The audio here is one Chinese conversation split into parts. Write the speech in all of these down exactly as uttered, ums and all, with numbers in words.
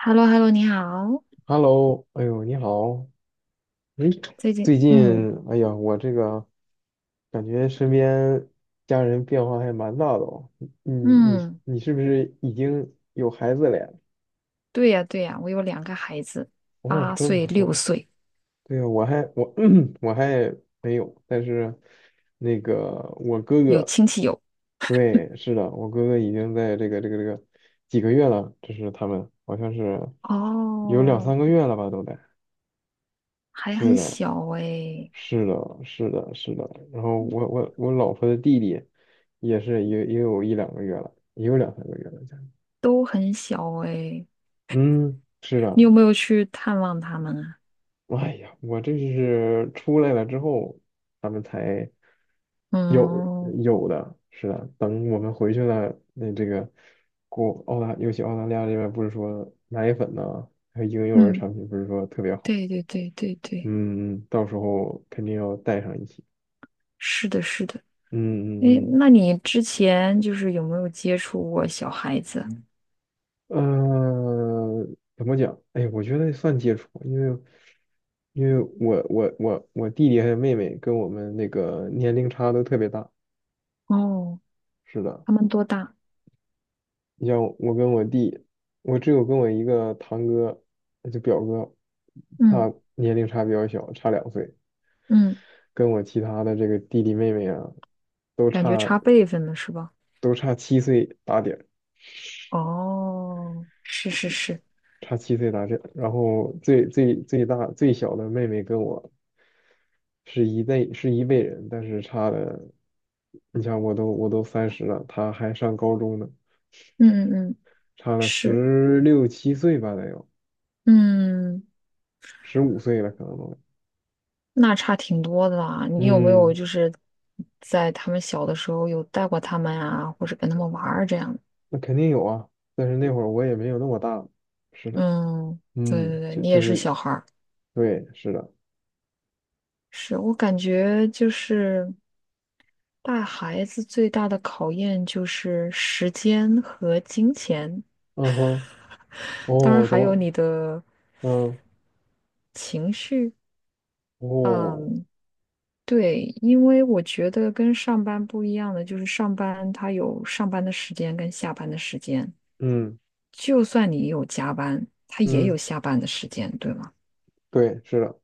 h e l l o h e l l o 你好，Hello，哎呦，你好，哎，最近，最嗯近，哎呀，我这个感觉身边家人变化还蛮大的哦。你你嗯，你是不是已经有孩子了呀？对呀对呀，我有两个孩子，哦，八真不岁六错。岁，对呀，我还我 我还没有，但是那个我哥有哥，亲戚有，对，是的，我哥哥已经在这个这个这个几个月了，这是他们好像是有两哦，三个月了吧，都得。还是很的，小哎，是的，是的，是的。然后我我我老婆的弟弟也是也也有一两个月了，也有两三个月了，将近都很小哎。嗯，是的。你有没有去探望他们啊？哎呀，我这是出来了之后，他们才有嗯有的，是的。等我们回去了，那这个国澳大，尤其澳大利亚这边不是说奶粉呢，还有婴幼儿嗯，产品不是说特别好，对对对对对，嗯，嗯嗯到时候肯定要带上一起。是的，是的，嗯诶，嗯嗯那你之前就是有没有接触过小孩子？呃，怎么讲？哎，我觉得算接触，因为因为我我我我弟弟还有妹妹跟我们那个年龄差都特别大。哦，是的，他们多大？你像我跟我弟，我只有跟我一个堂哥，就表哥，嗯他年龄差比较小，差两岁，嗯，跟我其他的这个弟弟妹妹啊，都感觉差差辈分了是吧？都差七岁打点。哦，是是是，差七岁大这，然后最最最大最小的妹妹跟我是一辈是一辈人，但是差的，你想我都我都三十了，她还上高中呢，嗯嗯嗯，差了是，十六七岁吧得有，嗯，十五岁了可能都，那差挺多的啦。你有没有嗯，就是在他们小的时候有带过他们啊，或者跟他们玩儿这样。那肯定有啊，但是那会儿我也没有那么大，是的，嗯，对对嗯，对，就你就也是是小孩儿，对，是的，是我感觉就是带孩子最大的考验就是时间和金钱，嗯哼，当然哦，怎还有么，你的嗯，情绪。哦，嗯，对，因为我觉得跟上班不一样的就是上班他有上班的时间跟下班的时间，嗯就算你有加班，他也有嗯，下班的时间，对吗？对，是的，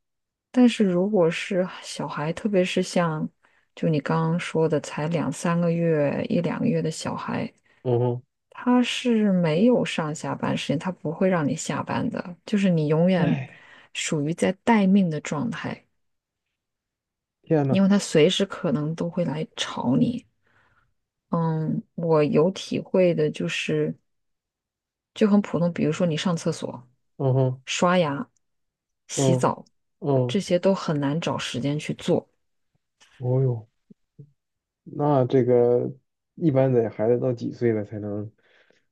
但是如果是小孩，特别是像就你刚刚说的才两三个月、一两个月的小孩，嗯哼，他是没有上下班时间，他不会让你下班的，就是你永远哎。属于在待命的状态，天呐，因为他随时可能都会来吵你。嗯，我有体会的就是，就很普通，比如说你上厕所、嗯哼，刷牙、洗嗯澡，这嗯，些都很难找时间去做。哦哟，那这个一般得孩子到几岁了才能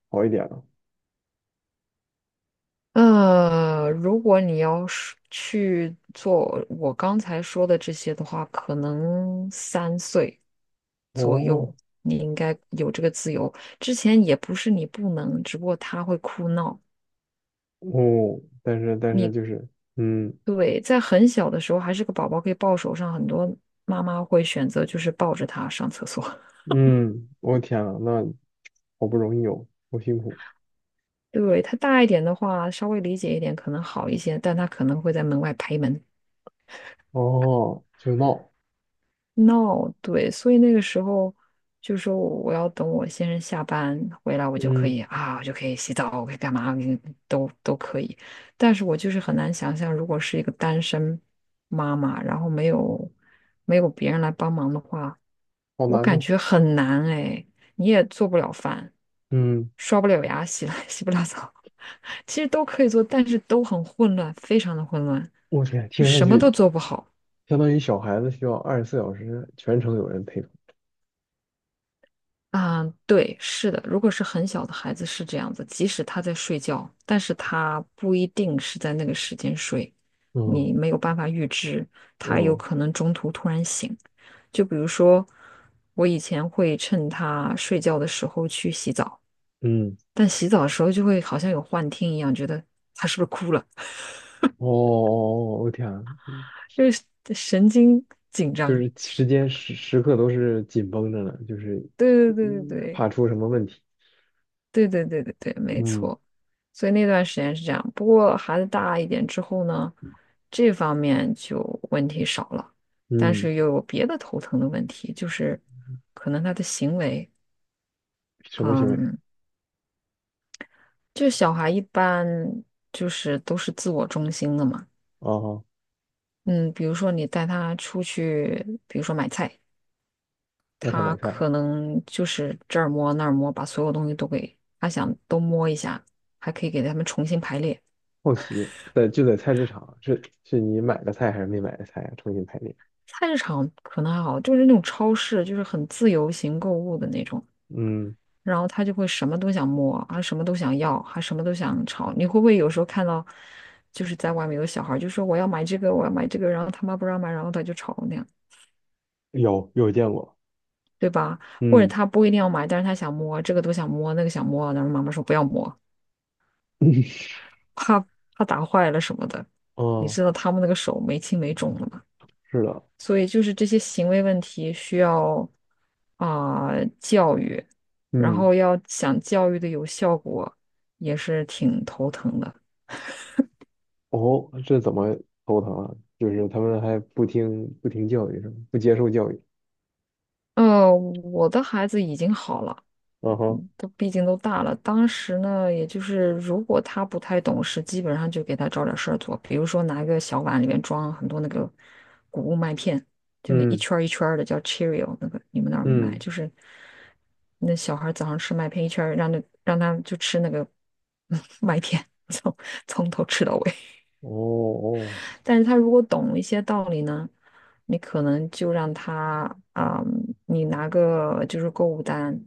好一点呢？呃，如果你要是去做我刚才说的这些的话，可能三岁左哦右，你应该有这个自由。之前也不是你不能，只不过他会哭闹。哦，但是但是你。就是，嗯对，在很小的时候还是个宝宝可以抱手上，很多妈妈会选择就是抱着他上厕所。嗯，我天呐，那好不容易有，好辛苦 对，他大一点的话，稍微理解一点可能好一些，但他可能会在门外拍门。哦，就闹，No，对，所以那个时候就说我要等我先生下班回来，我就可嗯，以啊，我就可以洗澡，我可以干嘛，我可以都都可以。但是我就是很难想象，如果是一个单身妈妈，然后没有没有别人来帮忙的话，好我难感弄，觉很难哎，你也做不了饭，嗯，刷不了牙，洗 了洗不了澡，其实都可以做，但是都很混乱，非常的混乱，我天，就听上什么都去做不好。相当于小孩子需要二十四小时全程有人陪同，啊，对，是的，如果是很小的孩子是这样子，即使他在睡觉，但是他不一定是在那个时间睡，嗯你没有办法预知，他有嗯可能中途突然醒。就比如说，我以前会趁他睡觉的时候去洗澡，嗯，但洗澡的时候就会好像有幻听一样，觉得他是不是哭了，哦哦，哦我天啊 就是神经紧就张。是时间时时刻都是紧绷着呢，就是对对对嗯对怕对。出什么问题。对对对对对，没嗯，错。所以那段时间是这样，不过孩子大一点之后呢，这方面就问题少了，但嗯，是又有别的头疼的问题，就是可能他的行为，什么行为？嗯，就小孩一般就是都是自我中心的嘛，哦，嗯，比如说你带他出去，比如说买菜，带他他买菜，可能就是这儿摸那儿摸，把所有东西都给他想都摸一下，还可以给他们重新排列。好奇，在就在菜市场，是是你买的菜还是没买的菜啊？重新排列。菜市场可能还好，就是那种超市，就是很自由行购物的那种，嗯，然后他就会什么都想摸，啊，什么都想要，还什么都想吵。你会不会有时候看到，就是在外面有小孩儿就说我要买这个，我要买这个，然后他妈不让买，然后他就吵那样，有有见过。对吧？或者嗯 他不一定要买，但是他想摸，这个都想摸，那个想摸，然后妈妈说不要摸，怕怕打坏了什么的。你哦，知道他们那个手没轻没重的，是的。所以就是这些行为问题需要啊、教育，然嗯，后要想教育的有效果，也是挺头疼的。哦，这怎么头疼啊？就是他们还不听不听教育是吗？不接受教育。呃，我的孩子已经好了。嗯哼，嗯都毕竟都大了，当时呢，也就是如果他不太懂事，基本上就给他找点事儿做，比如说拿一个小碗里面装很多那个谷物麦片，就那一嗯圈儿一圈儿的叫 Cheerio，那个你们那儿买？嗯，就是那小孩早上吃麦片一圈儿，让那让他就吃那个 麦片，从从头吃到尾。哦哦，但是他如果懂一些道理呢，你可能就让他啊、你拿个就是购物单，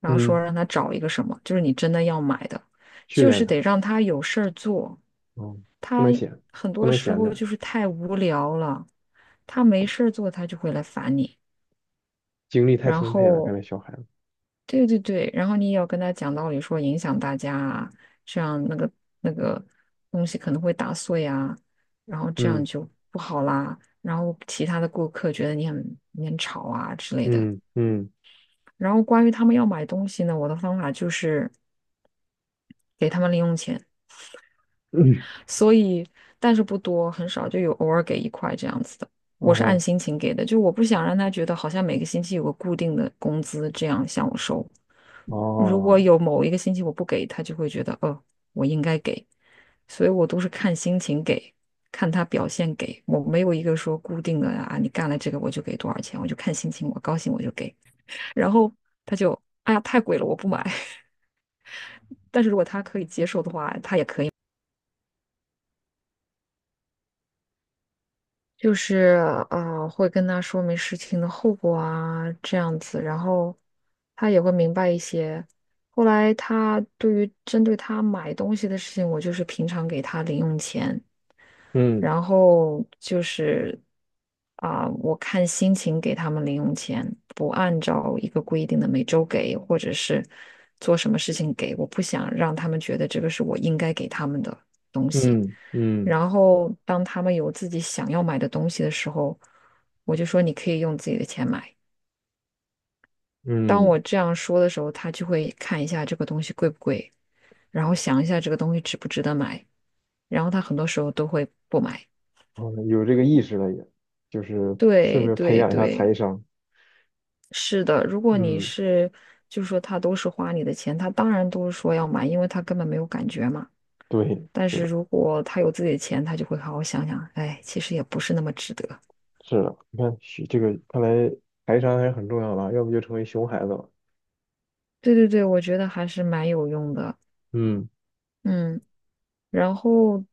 然后说嗯，让他找一个什么，就是你真的要买的，训就练是他。得让他有事儿做。哦，不他能闲，很不多能时闲候着，就是太无聊了，他没事儿做，他就会来烦你。精力太然充沛了，看后来小孩子。对对对，然后你也要跟他讲道理，说影响大家啊，这样那个那个东西可能会打碎啊，然后这样嗯就不好啦。然后其他的顾客觉得你很你很吵啊之类的。嗯嗯然后关于他们要买东西呢，我的方法就是给他们零用钱，嗯，所以但是不多，很少，就有偶尔给一块这样子的。我是按哦心情给的，就我不想让他觉得好像每个星期有个固定的工资这样向我收。如果哦，有某一个星期我不给，他就会觉得，哦，我应该给，所以我都是看心情给，看他表现给，我没有一个说固定的啊，你干了这个我就给多少钱，我就看心情，我高兴我就给，然后他就，哎呀，太贵了，我不买，就是呃，会跟他说明事情的后果啊，这样子，然后他也会明白一些。后来他对于针对他买东西的事情，我就是平常给他零用钱。嗯然后就是啊、我看心情给他们零用钱，不按照一个规定的每周给，或者是做什么事情给，我不想让他们觉得这个是我应该给他们的东西。嗯嗯然后当他们有自己想要买的东西的时候，我就说你可以用自己的钱买。当嗯，我这样说的时候，他就会看一下这个东西贵不贵，然后想一下这个东西值不值得买，然后他很多时候都会不买。哦，有这个意识了也，就是顺对便培对养一下财对，商。是的。如果你嗯，是，就是说他都是花你的钱，他当然都是说要买，因为他根本没有感觉嘛。对，但是是的，如果他有自己的钱，他就会好好想想，哎，其实也不是那么值得。是的，你看学这个，看来财商还是很重要的啊，要不就成为熊孩子了。对对对，我觉得还是蛮有用的。嗯嗯，然后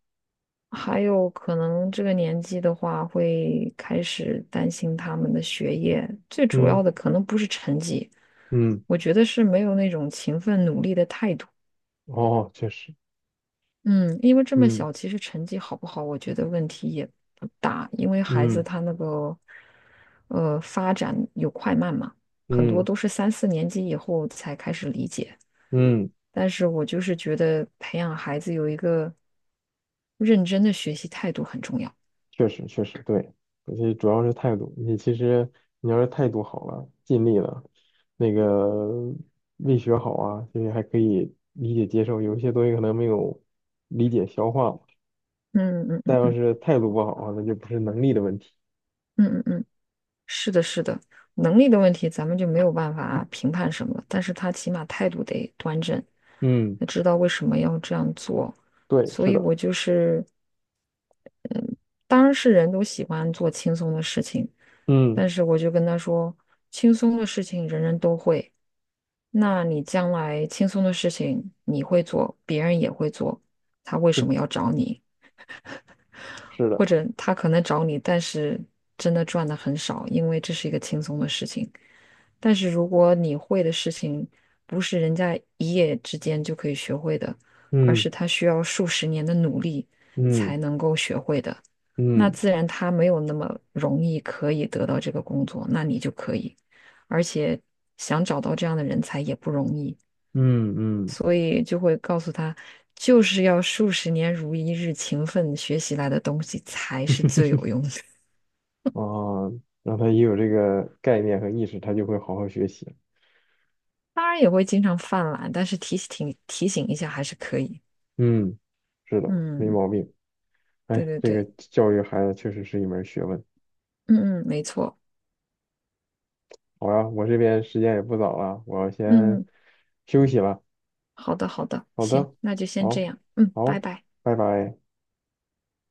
还有可能这个年纪的话，会开始担心他们的学业，最主要嗯的可能不是成绩，嗯，我觉得是没有那种勤奋努力的态度。哦，确实，嗯，因为这么嗯小，其实成绩好不好，我觉得问题也不大，因为孩子嗯他那个呃发展有快慢嘛，很多嗯都是三四年级以后才开始理解。嗯。但是我就是觉得培养孩子有一个认真的学习态度很重要。确实确实对，而且主要是态度。你其实你要是态度好了，尽力了，那个胃学好啊，其实还可以理解接受。有一些东西可能没有理解消化，嗯嗯但嗯要嗯是态度不好啊，那就不是能力的问题。嗯嗯嗯。嗯，是的，是的，能力的问题咱们就没有办法评判什么，但是他起码态度得端正，嗯，得知道为什么要这样做。对，所是以的，我就是，当然是人都喜欢做轻松的事情，嗯，但是我就跟他说，轻松的事情人人都会，那你将来轻松的事情你会做，别人也会做，他为对，什么要找你？是的，或者他可能找你，但是真的赚的很少，因为这是一个轻松的事情。但是如果你会的事情不是人家一夜之间就可以学会的，而嗯是他需要数十年的努力嗯才能够学会的，那嗯自然他没有那么容易可以得到这个工作，那你就可以，而且想找到这样的人才也不容易。嗯嗯，所以就会告诉他，就是要数十年如一日勤奋学习来的东西才是最有用的。啊，让他也有这个概念和意识，他就会好好学习。当然也会经常犯懒，但是提醒提醒一下还是可以。嗯，是的，没嗯，毛病。对哎，对这个对，教育孩子确实是一门学问。嗯嗯，没错，好呀，我这边时间也不早了，我嗯，先嗯，休息了。好的好的，好行，的，那就先这好，样，嗯，拜好，拜。拜拜。